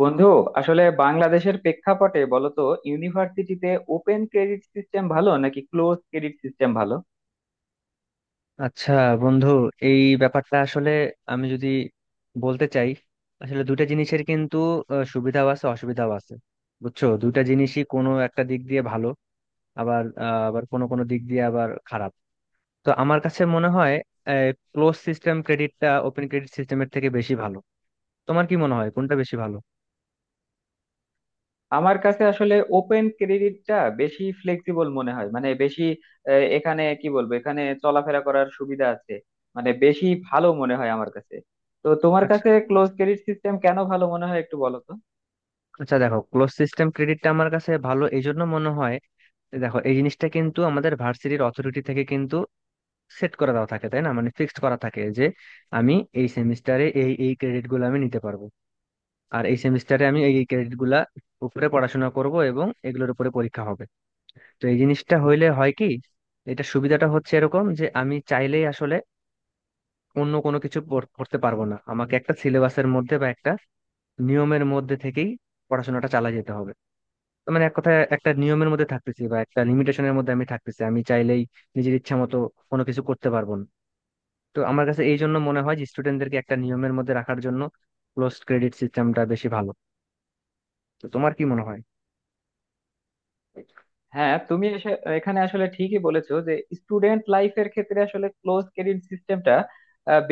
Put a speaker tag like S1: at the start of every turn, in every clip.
S1: বন্ধু, আসলে বাংলাদেশের প্রেক্ষাপটে বলতো ইউনিভার্সিটিতে ওপেন ক্রেডিট সিস্টেম ভালো নাকি ক্লোজ ক্রেডিট সিস্টেম ভালো?
S2: আচ্ছা বন্ধু, এই ব্যাপারটা আসলে আমি যদি বলতে চাই, আসলে দুইটা জিনিসের কিন্তু সুবিধাও আছে, অসুবিধাও আছে। বুঝছো, দুইটা জিনিসই কোনো একটা দিক দিয়ে ভালো, আবার আবার কোনো কোনো দিক দিয়ে আবার খারাপ। তো আমার কাছে মনে হয় ক্লোজ সিস্টেম ক্রেডিটটা ওপেন ক্রেডিট সিস্টেমের থেকে বেশি ভালো। তোমার কি মনে হয় কোনটা বেশি ভালো?
S1: আমার কাছে আসলে ওপেন ক্রেডিটটা বেশি ফ্লেক্সিবল মনে হয়, মানে বেশি এখানে কি বলবো, এখানে চলাফেরা করার সুবিধা আছে। মানে বেশি ভালো মনে হয় আমার কাছে। তো তোমার
S2: আচ্ছা,
S1: কাছে ক্লোজ ক্রেডিট সিস্টেম কেন ভালো মনে হয়, একটু বলো তো।
S2: আচ্ছা দেখো, ক্লোজ সিস্টেম ক্রেডিটটা আমার কাছে ভালো এই জন্য মনে হয়, দেখো এই জিনিসটা কিন্তু আমাদের ভার্সিটির অথরিটি থেকে সেট করে দেওয়া থাকে, তাই না? মানে ফিক্সড করা থাকে যে আমি এই সেমিস্টারে এই এই ক্রেডিট গুলো আমি নিতে পারবো, আর এই সেমিস্টারে আমি এই এই ক্রেডিট গুলা উপরে পড়াশোনা করব এবং এগুলোর উপরে পরীক্ষা হবে। তো এই জিনিসটা হইলে হয় কি, এটা সুবিধাটা হচ্ছে এরকম যে আমি চাইলেই আসলে অন্য কোনো কিছু পড়তে পারবো না, আমাকে একটা সিলেবাসের মধ্যে বা একটা নিয়মের মধ্যে থেকেই পড়াশোনাটা চালিয়ে যেতে হবে। তো মানে এক কথায় একটা নিয়মের মধ্যে থাকতেছি বা একটা লিমিটেশনের মধ্যে আমি থাকতেছি, আমি চাইলেই নিজের ইচ্ছা মতো কোনো কিছু করতে পারবো না। তো আমার কাছে এই জন্য মনে হয় যে স্টুডেন্টদেরকে একটা নিয়মের মধ্যে রাখার জন্য ক্লোজ ক্রেডিট সিস্টেমটা বেশি ভালো। তো তোমার কি মনে হয়?
S1: হ্যাঁ, তুমি এখানে আসলে ঠিকই বলেছো যে স্টুডেন্ট লাইফের ক্ষেত্রে আসলে ক্লোজ ক্রেডিট সিস্টেমটা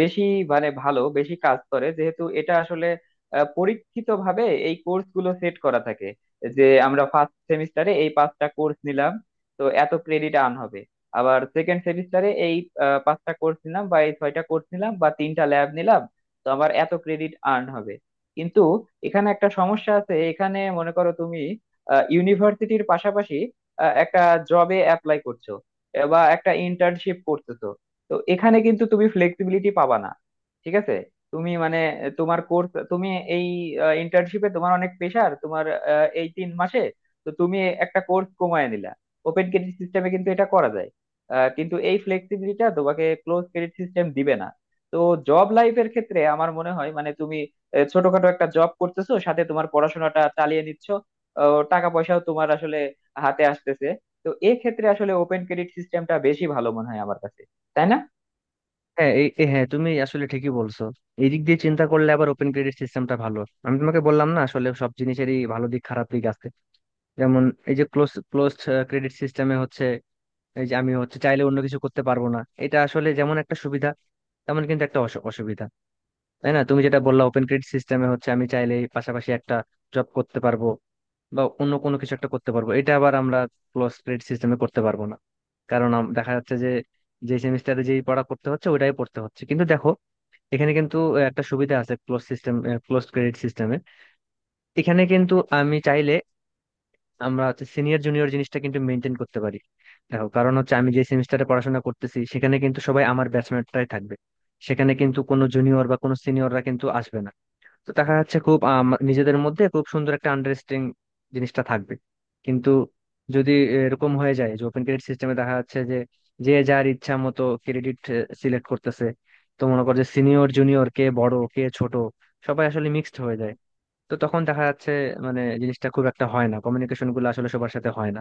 S1: বেশি, মানে ভালো বেশি কাজ করে, যেহেতু এটা আসলে পরীক্ষিত ভাবে এই কোর্স গুলো সেট করা থাকে। যে আমরা ফার্স্ট সেমিস্টারে এই পাঁচটা কোর্স নিলাম, তো এত ক্রেডিট আর্ন হবে। আবার সেকেন্ড সেমিস্টারে এই পাঁচটা কোর্স নিলাম বা এই ছয়টা কোর্স নিলাম বা তিনটা ল্যাব নিলাম, তো আমার এত ক্রেডিট আর্ন হবে। কিন্তু এখানে একটা সমস্যা আছে। এখানে মনে করো তুমি ইউনিভার্সিটির পাশাপাশি একটা জবে অ্যাপ্লাই করছো বা একটা ইন্টার্নশিপ করতেছো। তো এখানে কিন্তু তুমি ফ্লেক্সিবিলিটি পাবা না, ঠিক আছে? তুমি মানে তোমার কোর্স, তুমি এই ইন্টার্নশিপে তোমার অনেক প্রেশার তোমার এই 3 মাসে, তো তুমি একটা কোর্স কমায় নিলা। ওপেন ক্রেডিট সিস্টেমে কিন্তু এটা করা যায়। কিন্তু এই ফ্লেক্সিবিলিটিটা তোমাকে ক্লোজ ক্রেডিট সিস্টেম দিবে না। তো জব লাইফের ক্ষেত্রে আমার মনে হয়, মানে তুমি ছোটখাটো একটা জব করতেছো, সাথে তোমার পড়াশোনাটা চালিয়ে নিচ্ছ, টাকা পয়সাও তোমার আসলে হাতে আসতেছে। তো এক্ষেত্রে আসলে ওপেন ক্রেডিট সিস্টেমটা বেশি ভালো মনে হয় আমার কাছে, তাই না?
S2: হ্যাঁ, এই এই- হ্যাঁ তুমি আসলে ঠিকই বলছো। এই দিক দিয়ে চিন্তা করলে আবার ওপেন ক্রেডিট সিস্টেমটা ভালো। আমি তোমাকে বললাম না, আসলে সব জিনিসেরই ভালো দিক খারাপ দিক আছে। যেমন এই যে ক্লোজ ক্লোজ ক্রেডিট সিস্টেমে হচ্ছে এই যে আমি হচ্ছে চাইলে অন্য কিছু করতে পারবো না, এটা আসলে যেমন একটা সুবিধা তেমন কিন্তু একটা অসুবিধা। তাই না? তুমি যেটা বললা ওপেন ক্রেডিট সিস্টেমে হচ্ছে আমি চাইলে পাশাপাশি একটা জব করতে পারবো বা অন্য কোনো কিছু একটা করতে পারবো, এটা আবার আমরা ক্লোজ ক্রেডিট সিস্টেমে করতে পারবো না। কারণ দেখা যাচ্ছে যে যে সেমিস্টারে যেই পড়া পড়তে হচ্ছে ওটাই পড়তে হচ্ছে। কিন্তু দেখো, এখানে কিন্তু একটা সুবিধা আছে ক্লোজ সিস্টেম, ক্লোজ ক্রেডিট সিস্টেমে এখানে কিন্তু আমি চাইলে আমরা হচ্ছে সিনিয়র জুনিয়র জিনিসটা কিন্তু মেনটেন করতে পারি। দেখো, কারণ হচ্ছে আমি যে সেমিস্টারে পড়াশোনা করতেছি সেখানে কিন্তু সবাই আমার ব্যাচমেটরাই থাকবে, সেখানে কিন্তু কোনো জুনিয়র বা কোনো সিনিয়ররা কিন্তু আসবে না। তো দেখা যাচ্ছে খুব নিজেদের মধ্যে খুব সুন্দর একটা আন্ডারস্ট্যান্ডিং জিনিসটা থাকবে। কিন্তু যদি এরকম হয়ে যায় যে ওপেন ক্রেডিট সিস্টেমে দেখা যাচ্ছে যে যে যার ইচ্ছা মতো ক্রেডিট সিলেক্ট করতেছে, তো মনে কর যে সিনিয়র জুনিয়র, কে বড় কে ছোট সবাই আসলে মিক্সড হয়ে যায়। তো তখন দেখা যাচ্ছে মানে জিনিসটা খুব একটা হয় না, কমিউনিকেশন গুলো আসলে সবার সাথে হয় না।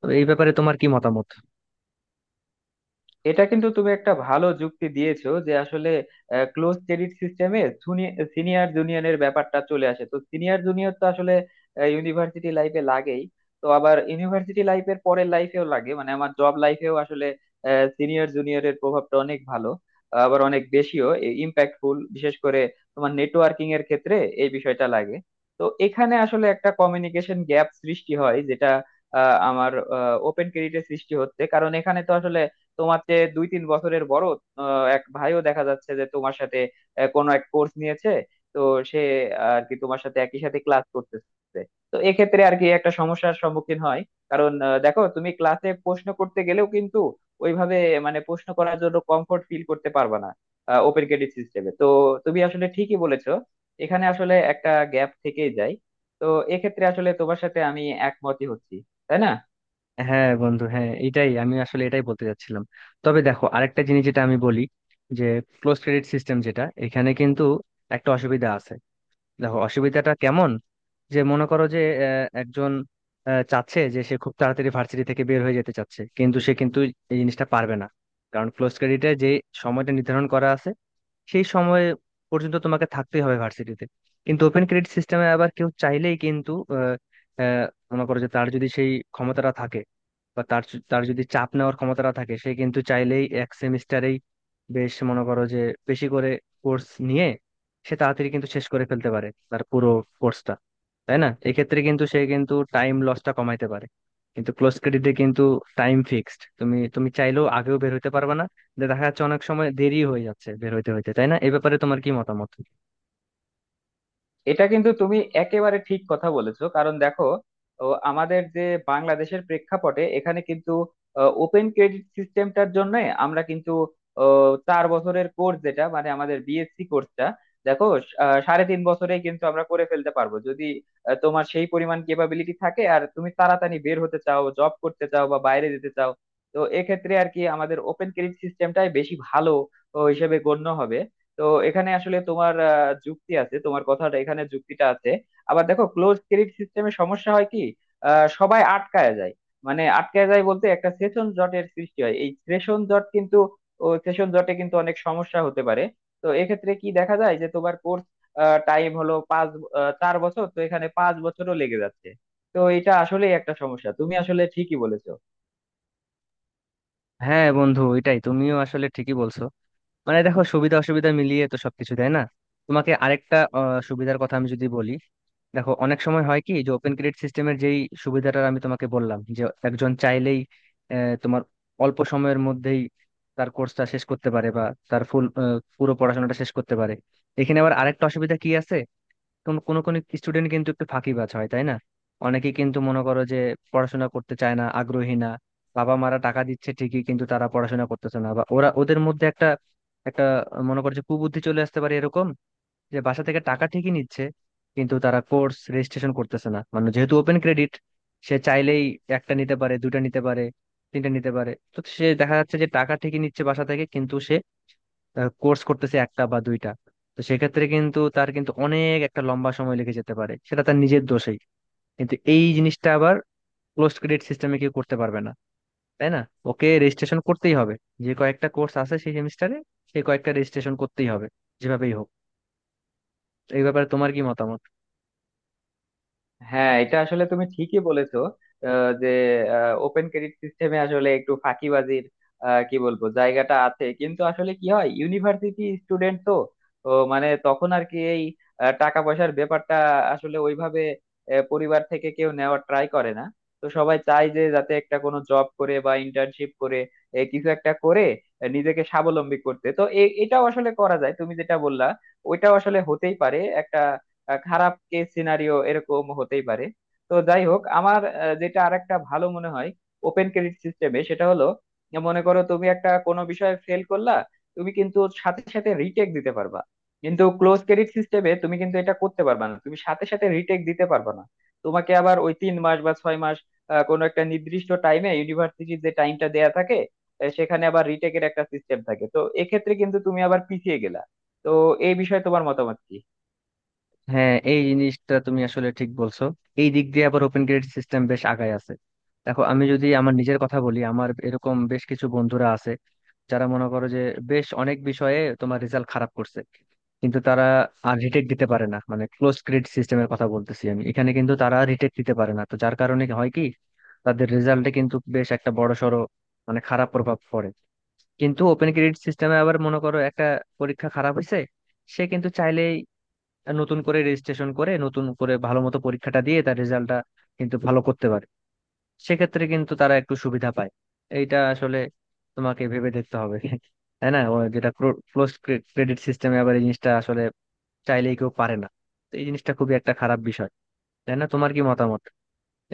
S2: তো এই ব্যাপারে তোমার কি মতামত?
S1: এটা কিন্তু তুমি একটা ভালো যুক্তি দিয়েছো, যে আসলে ক্লোজ ক্রেডিট সিস্টেমে সিনিয়র জুনিয়রের ব্যাপারটা চলে আসে। তো সিনিয়র জুনিয়র তো আসলে ইউনিভার্সিটি লাইফে লাগেই। তো আবার ইউনিভার্সিটি লাইফের পরের লাইফেও লাগে, মানে আমার জব লাইফেও আসলে সিনিয়র জুনিয়রের প্রভাবটা অনেক ভালো, আবার অনেক বেশিও ইম্প্যাক্টফুল, বিশেষ করে তোমার নেটওয়ার্কিং এর ক্ষেত্রে এই বিষয়টা লাগে। তো এখানে আসলে একটা কমিউনিকেশন গ্যাপ সৃষ্টি হয়, যেটা আমার ওপেন ক্রেডিটে সৃষ্টি হচ্ছে, কারণ এখানে তো আসলে তোমার যে 2-3 বছরের বড় এক ভাইও দেখা যাচ্ছে যে তোমার সাথে কোনো এক কোর্স নিয়েছে। তো সে আর কি তোমার সাথে একই সাথে ক্লাস করতেছে। তো এক্ষেত্রে আর কি একটা সমস্যার সম্মুখীন হয়, কারণ দেখো, তুমি ক্লাসে প্রশ্ন করতে গেলেও কিন্তু ওইভাবে, মানে প্রশ্ন করার জন্য কমফোর্ট ফিল করতে পারবে না ওপেন ক্রেডিট সিস্টেমে। তো তুমি আসলে ঠিকই বলেছো। এখানে আসলে একটা গ্যাপ থেকেই যায়। তো এক্ষেত্রে আসলে তোমার সাথে আমি একমতই হচ্ছি, তাই না?
S2: হ্যাঁ বন্ধু, হ্যাঁ এটাই আমি আসলে এটাই বলতে চাচ্ছিলাম। তবে দেখো আরেকটা জিনিস যেটা আমি বলি, যে ক্লোজ ক্রেডিট সিস্টেম যেটা এখানে কিন্তু একটা অসুবিধা আছে। দেখো অসুবিধাটা কেমন, যে মনে করো যে একজন চাচ্ছে যে সে খুব তাড়াতাড়ি ভার্সিটি থেকে বের হয়ে যেতে চাচ্ছে, কিন্তু সে কিন্তু এই জিনিসটা পারবে না। কারণ ক্লোজ ক্রেডিটে যে সময়টা নির্ধারণ করা আছে সেই সময় পর্যন্ত তোমাকে থাকতেই হবে ভার্সিটিতে। কিন্তু ওপেন ক্রেডিট সিস্টেমে আবার কেউ চাইলেই কিন্তু আহ, আহ, মনে করো যে তার যদি সেই ক্ষমতাটা থাকে বা তার যদি চাপ নেওয়ার ক্ষমতাটা থাকে, সে কিন্তু চাইলেই এক সেমিস্টারেই বেশ মনে করো যে বেশি করে কোর্স নিয়ে সে তাড়াতাড়ি কিন্তু শেষ করে ফেলতে পারে তার পুরো কোর্সটা। তাই না? এক্ষেত্রে কিন্তু সে কিন্তু টাইম লসটা কমাইতে পারে। কিন্তু ক্লোজ ক্রেডিটে কিন্তু টাইম ফিক্সড, তুমি তুমি চাইলেও আগেও বের হতে পারবে না। যে দেখা যাচ্ছে অনেক সময় দেরি হয়ে যাচ্ছে বের হইতে হইতে। তাই না? এই ব্যাপারে তোমার কি মতামত?
S1: এটা কিন্তু তুমি একেবারে ঠিক কথা বলেছো, কারণ দেখো, আমাদের যে বাংলাদেশের প্রেক্ষাপটে এখানে কিন্তু ওপেন ক্রেডিট সিস্টেমটার জন্য আমরা কিন্তু 4 বছরের কোর্স, যেটা মানে আমাদের বিএসসি কোর্সটা। দেখো, সাড়ে 3 বছরেই কিন্তু আমরা করে ফেলতে পারবো, যদি তোমার সেই পরিমাণ কেপাবিলিটি থাকে, আর তুমি তাড়াতাড়ি বের হতে চাও, জব করতে চাও বা বাইরে যেতে চাও। তো এক্ষেত্রে আর কি আমাদের ওপেন ক্রেডিট সিস্টেমটাই বেশি ভালো হিসেবে গণ্য হবে। তো এখানে আসলে তোমার যুক্তি আছে, তোমার কথাটা এখানে যুক্তিটা আছে। আবার দেখো ক্লোজ ক্রেডিট সিস্টেমে সমস্যা হয় কি, সবাই আটকায় যায়। মানে আটকায় যায় বলতে একটা সেশন জটের সৃষ্টি হয়, এই সেশন জট কিন্তু সেশন জটে কিন্তু অনেক সমস্যা হতে পারে। তো এক্ষেত্রে কি দেখা যায়, যে তোমার কোর্স টাইম হলো 4 বছর, তো এখানে 5 বছরও লেগে যাচ্ছে। তো এটা আসলেই একটা সমস্যা, তুমি আসলে ঠিকই বলেছো।
S2: হ্যাঁ বন্ধু, এটাই তুমিও আসলে ঠিকই বলছো। মানে দেখো সুবিধা অসুবিধা মিলিয়ে তো সবকিছু, তাই না? তোমাকে আরেকটা সুবিধার কথা আমি যদি বলি, দেখো অনেক সময় হয় কি যে ওপেন ক্রেডিট সিস্টেমের যেই সুবিধাটা আমি তোমাকে বললাম যে একজন চাইলেই তোমার অল্প সময়ের মধ্যেই তার কোর্সটা শেষ করতে পারে বা তার ফুল, পুরো পড়াশোনাটা শেষ করতে পারে। এখানে আবার আরেকটা অসুবিধা কি আছে, কোনো স্টুডেন্ট কিন্তু একটু ফাঁকিবাজ হয়, তাই না? অনেকে কিন্তু মনে করো যে পড়াশোনা করতে চায় না, আগ্রহী না। বাবা মারা টাকা দিচ্ছে ঠিকই কিন্তু তারা পড়াশোনা করতেছে না, বা ওরা ওদের মধ্যে একটা একটা মনে করো যে কুবুদ্ধি চলে আসতে পারে, এরকম যে বাসা থেকে টাকা ঠিকই নিচ্ছে কিন্তু তারা কোর্স রেজিস্ট্রেশন করতেছে না। মানে যেহেতু ওপেন ক্রেডিট, সে চাইলেই একটা নিতে পারে, দুটা নিতে পারে, তিনটা নিতে পারে, তো সে দেখা যাচ্ছে যে টাকা ঠিকই নিচ্ছে বাসা থেকে কিন্তু সে কোর্স করতেছে একটা বা দুইটা। তো সেক্ষেত্রে কিন্তু তার কিন্তু অনেক একটা লম্বা সময় লেগে যেতে পারে, সেটা তার নিজের দোষেই। কিন্তু এই জিনিসটা আবার ক্লোজ ক্রেডিট সিস্টেমে কেউ করতে পারবে না, তাই না? ওকে রেজিস্ট্রেশন করতেই হবে, যে কয়েকটা কোর্স আছে সেই সেমিস্টারে সেই কয়েকটা রেজিস্ট্রেশন করতেই হবে, যেভাবেই হোক। এই ব্যাপারে তোমার কি মতামত?
S1: হ্যাঁ, এটা আসলে তুমি ঠিকই বলেছো যে ওপেন ক্রেডিট সিস্টেমে আসলে একটু ফাঁকিবাজির কি বলবো, জায়গাটা আছে। কিন্তু আসলে কি হয়, ইউনিভার্সিটি স্টুডেন্ট তো। তো মানে তখন আর কি এই টাকা পয়সার ব্যাপারটা আসলে ওইভাবে পরিবার থেকে কেউ নেওয়ার ট্রাই করে না। তো সবাই চায় যে যাতে একটা কোনো জব করে বা ইন্টার্নশিপ করে, কিছু একটা করে নিজেকে স্বাবলম্বী করতে। তো এটাও আসলে করা যায়, তুমি যেটা বললা। ওইটাও আসলে হতেই পারে একটা খারাপ কেস সিনারিও, এরকম হতেই পারে। তো যাই হোক, আমার যেটা আরেকটা ভালো মনে হয় ওপেন ক্রেডিট সিস্টেমে, সেটা হলো মনে করো, তুমি একটা কোনো বিষয়ে ফেল করলা। তুমি কিন্তু সাথে সাথে রিটেক দিতে পারবা। কিন্তু ক্লোজ ক্রেডিট সিস্টেমে তুমি কিন্তু এটা করতে পারবা না, তুমি সাথে সাথে রিটেক দিতে পারবা না। তোমাকে আবার ওই 3 মাস বা 6 মাস, কোনো একটা নির্দিষ্ট টাইমে, ইউনিভার্সিটির যে টাইমটা দেয়া থাকে, সেখানে আবার রিটেকের একটা সিস্টেম থাকে, তো এক্ষেত্রে কিন্তু তুমি আবার পিছিয়ে গেলা। তো এই বিষয়ে তোমার মতামত কি?
S2: হ্যাঁ এই জিনিসটা তুমি আসলে ঠিক বলছো। এই দিক দিয়ে আবার ওপেন ক্রেডিট সিস্টেম বেশ আগায় আছে। দেখো আমি যদি আমার নিজের কথা বলি, আমার এরকম বেশ কিছু বন্ধুরা আছে যারা মনে করো যে বেশ অনেক বিষয়ে তোমার রেজাল্ট খারাপ করছে, কিন্তু তারা আর রিটেক দিতে পারে না। মানে ক্লোজ ক্রেডিট সিস্টেমের কথা বলতেছি আমি, এখানে কিন্তু তারা রিটেক দিতে পারে না, তো যার কারণে হয় কি তাদের রেজাল্টে কিন্তু বেশ একটা বড়সড় মানে খারাপ প্রভাব পড়ে। কিন্তু ওপেন ক্রেডিট সিস্টেমে আবার মনে করো একটা পরীক্ষা খারাপ হয়েছে, সে কিন্তু চাইলেই নতুন করে রেজিস্ট্রেশন করে নতুন করে ভালো মতো পরীক্ষাটা দিয়ে তার রেজাল্টটা কিন্তু ভালো করতে পারে। সেক্ষেত্রে কিন্তু তারা একটু সুবিধা পায়। এইটা আসলে তোমাকে ভেবে দেখতে হবে, তাই না? ও যেটা ক্লোজ ক্রেডিট সিস্টেমে আবার এই জিনিসটা আসলে চাইলেই কেউ পারে না, তো এই জিনিসটা খুবই একটা খারাপ বিষয়। তাই না? তোমার কি মতামত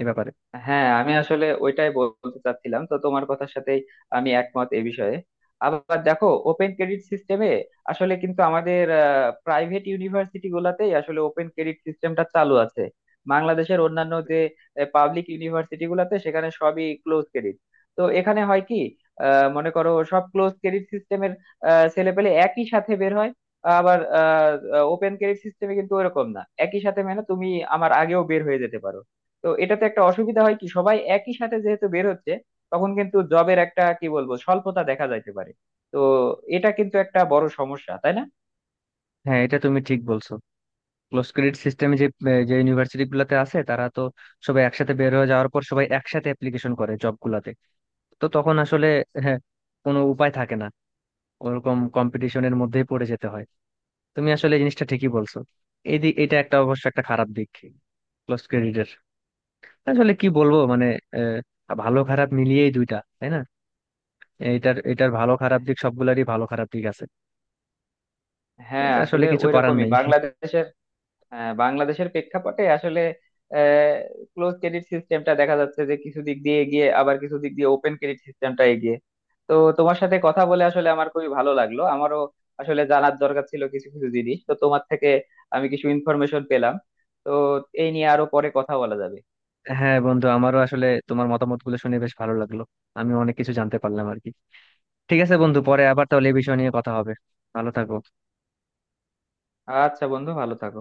S2: এ ব্যাপারে?
S1: হ্যাঁ, আমি আসলে ওইটাই বলতে চাচ্ছিলাম। তো তোমার কথার সাথেই আমি একমত এ বিষয়ে। আবার দেখো ওপেন ক্রেডিট সিস্টেমে আসলে কিন্তু আমাদের প্রাইভেট ইউনিভার্সিটি গুলাতেই আসলে ওপেন ক্রেডিট সিস্টেমটা চালু আছে। বাংলাদেশের অন্যান্য যে পাবলিক ইউনিভার্সিটি গুলাতে, সেখানে সবই ক্লোজ ক্রেডিট। তো এখানে হয় কি, মনে করো সব ক্লোজ ক্রেডিট সিস্টেমের ছেলেপেলে একই সাথে বের হয়। আবার ওপেন ক্রেডিট সিস্টেমে কিন্তু ওরকম না একই সাথে, মানে তুমি আমার আগেও বের হয়ে যেতে পারো। তো এটাতে একটা অসুবিধা হয় কি, সবাই একই সাথে যেহেতু বের হচ্ছে, তখন কিন্তু জবের একটা কি বলবো স্বল্পতা দেখা যাইতে পারে। তো এটা কিন্তু একটা বড় সমস্যা, তাই না?
S2: হ্যাঁ এটা তুমি ঠিক বলছো, ক্লোজ ক্রেডিট সিস্টেমে যে যে ইউনিভার্সিটি গুলাতে আছে তারা তো সবাই একসাথে বের হয়ে যাওয়ার পর সবাই একসাথে অ্যাপ্লিকেশন করে জব গুলাতে। তো তখন আসলে হ্যাঁ, কোনো উপায় থাকে না, ওরকম কম্পিটিশনের মধ্যেই পড়ে যেতে হয়। তুমি আসলে এই জিনিসটা ঠিকই বলছো। এই দিক, এটা একটা অবশ্য একটা খারাপ দিক ক্লোজ ক্রেডিটের। আসলে কি বলবো মানে ভালো খারাপ মিলিয়েই দুইটা, তাই না? এটার এটার ভালো খারাপ দিক, সবগুলোরই ভালো খারাপ দিক আছে।
S1: হ্যাঁ,
S2: এটা আসলে
S1: আসলে
S2: কিছু করার
S1: ওইরকমই
S2: নাই।
S1: বাংলাদেশের প্রেক্ষাপটে আসলে ক্লোজ ক্রেডিট সিস্টেমটা দেখা যাচ্ছে যে কিছু দিক দিয়ে এগিয়ে, আবার কিছু দিক দিয়ে ওপেন ক্রেডিট সিস্টেমটা এগিয়ে। তো তোমার সাথে কথা বলে আসলে আমার খুবই ভালো লাগলো। আমারও আসলে জানার দরকার ছিল কিছু কিছু জিনিস, তো তোমার থেকে আমি কিছু ইনফরমেশন পেলাম। তো এই নিয়ে আরো পরে কথা বলা যাবে।
S2: হ্যাঁ বন্ধু, আমারও আসলে তোমার মতামত গুলো শুনে বেশ ভালো লাগলো। আমি অনেক কিছু জানতে পারলাম আর কি। ঠিক আছে বন্ধু, পরে আবার তাহলে এই বিষয় নিয়ে কথা হবে। ভালো থাকো।
S1: আচ্ছা বন্ধু, ভালো থাকো।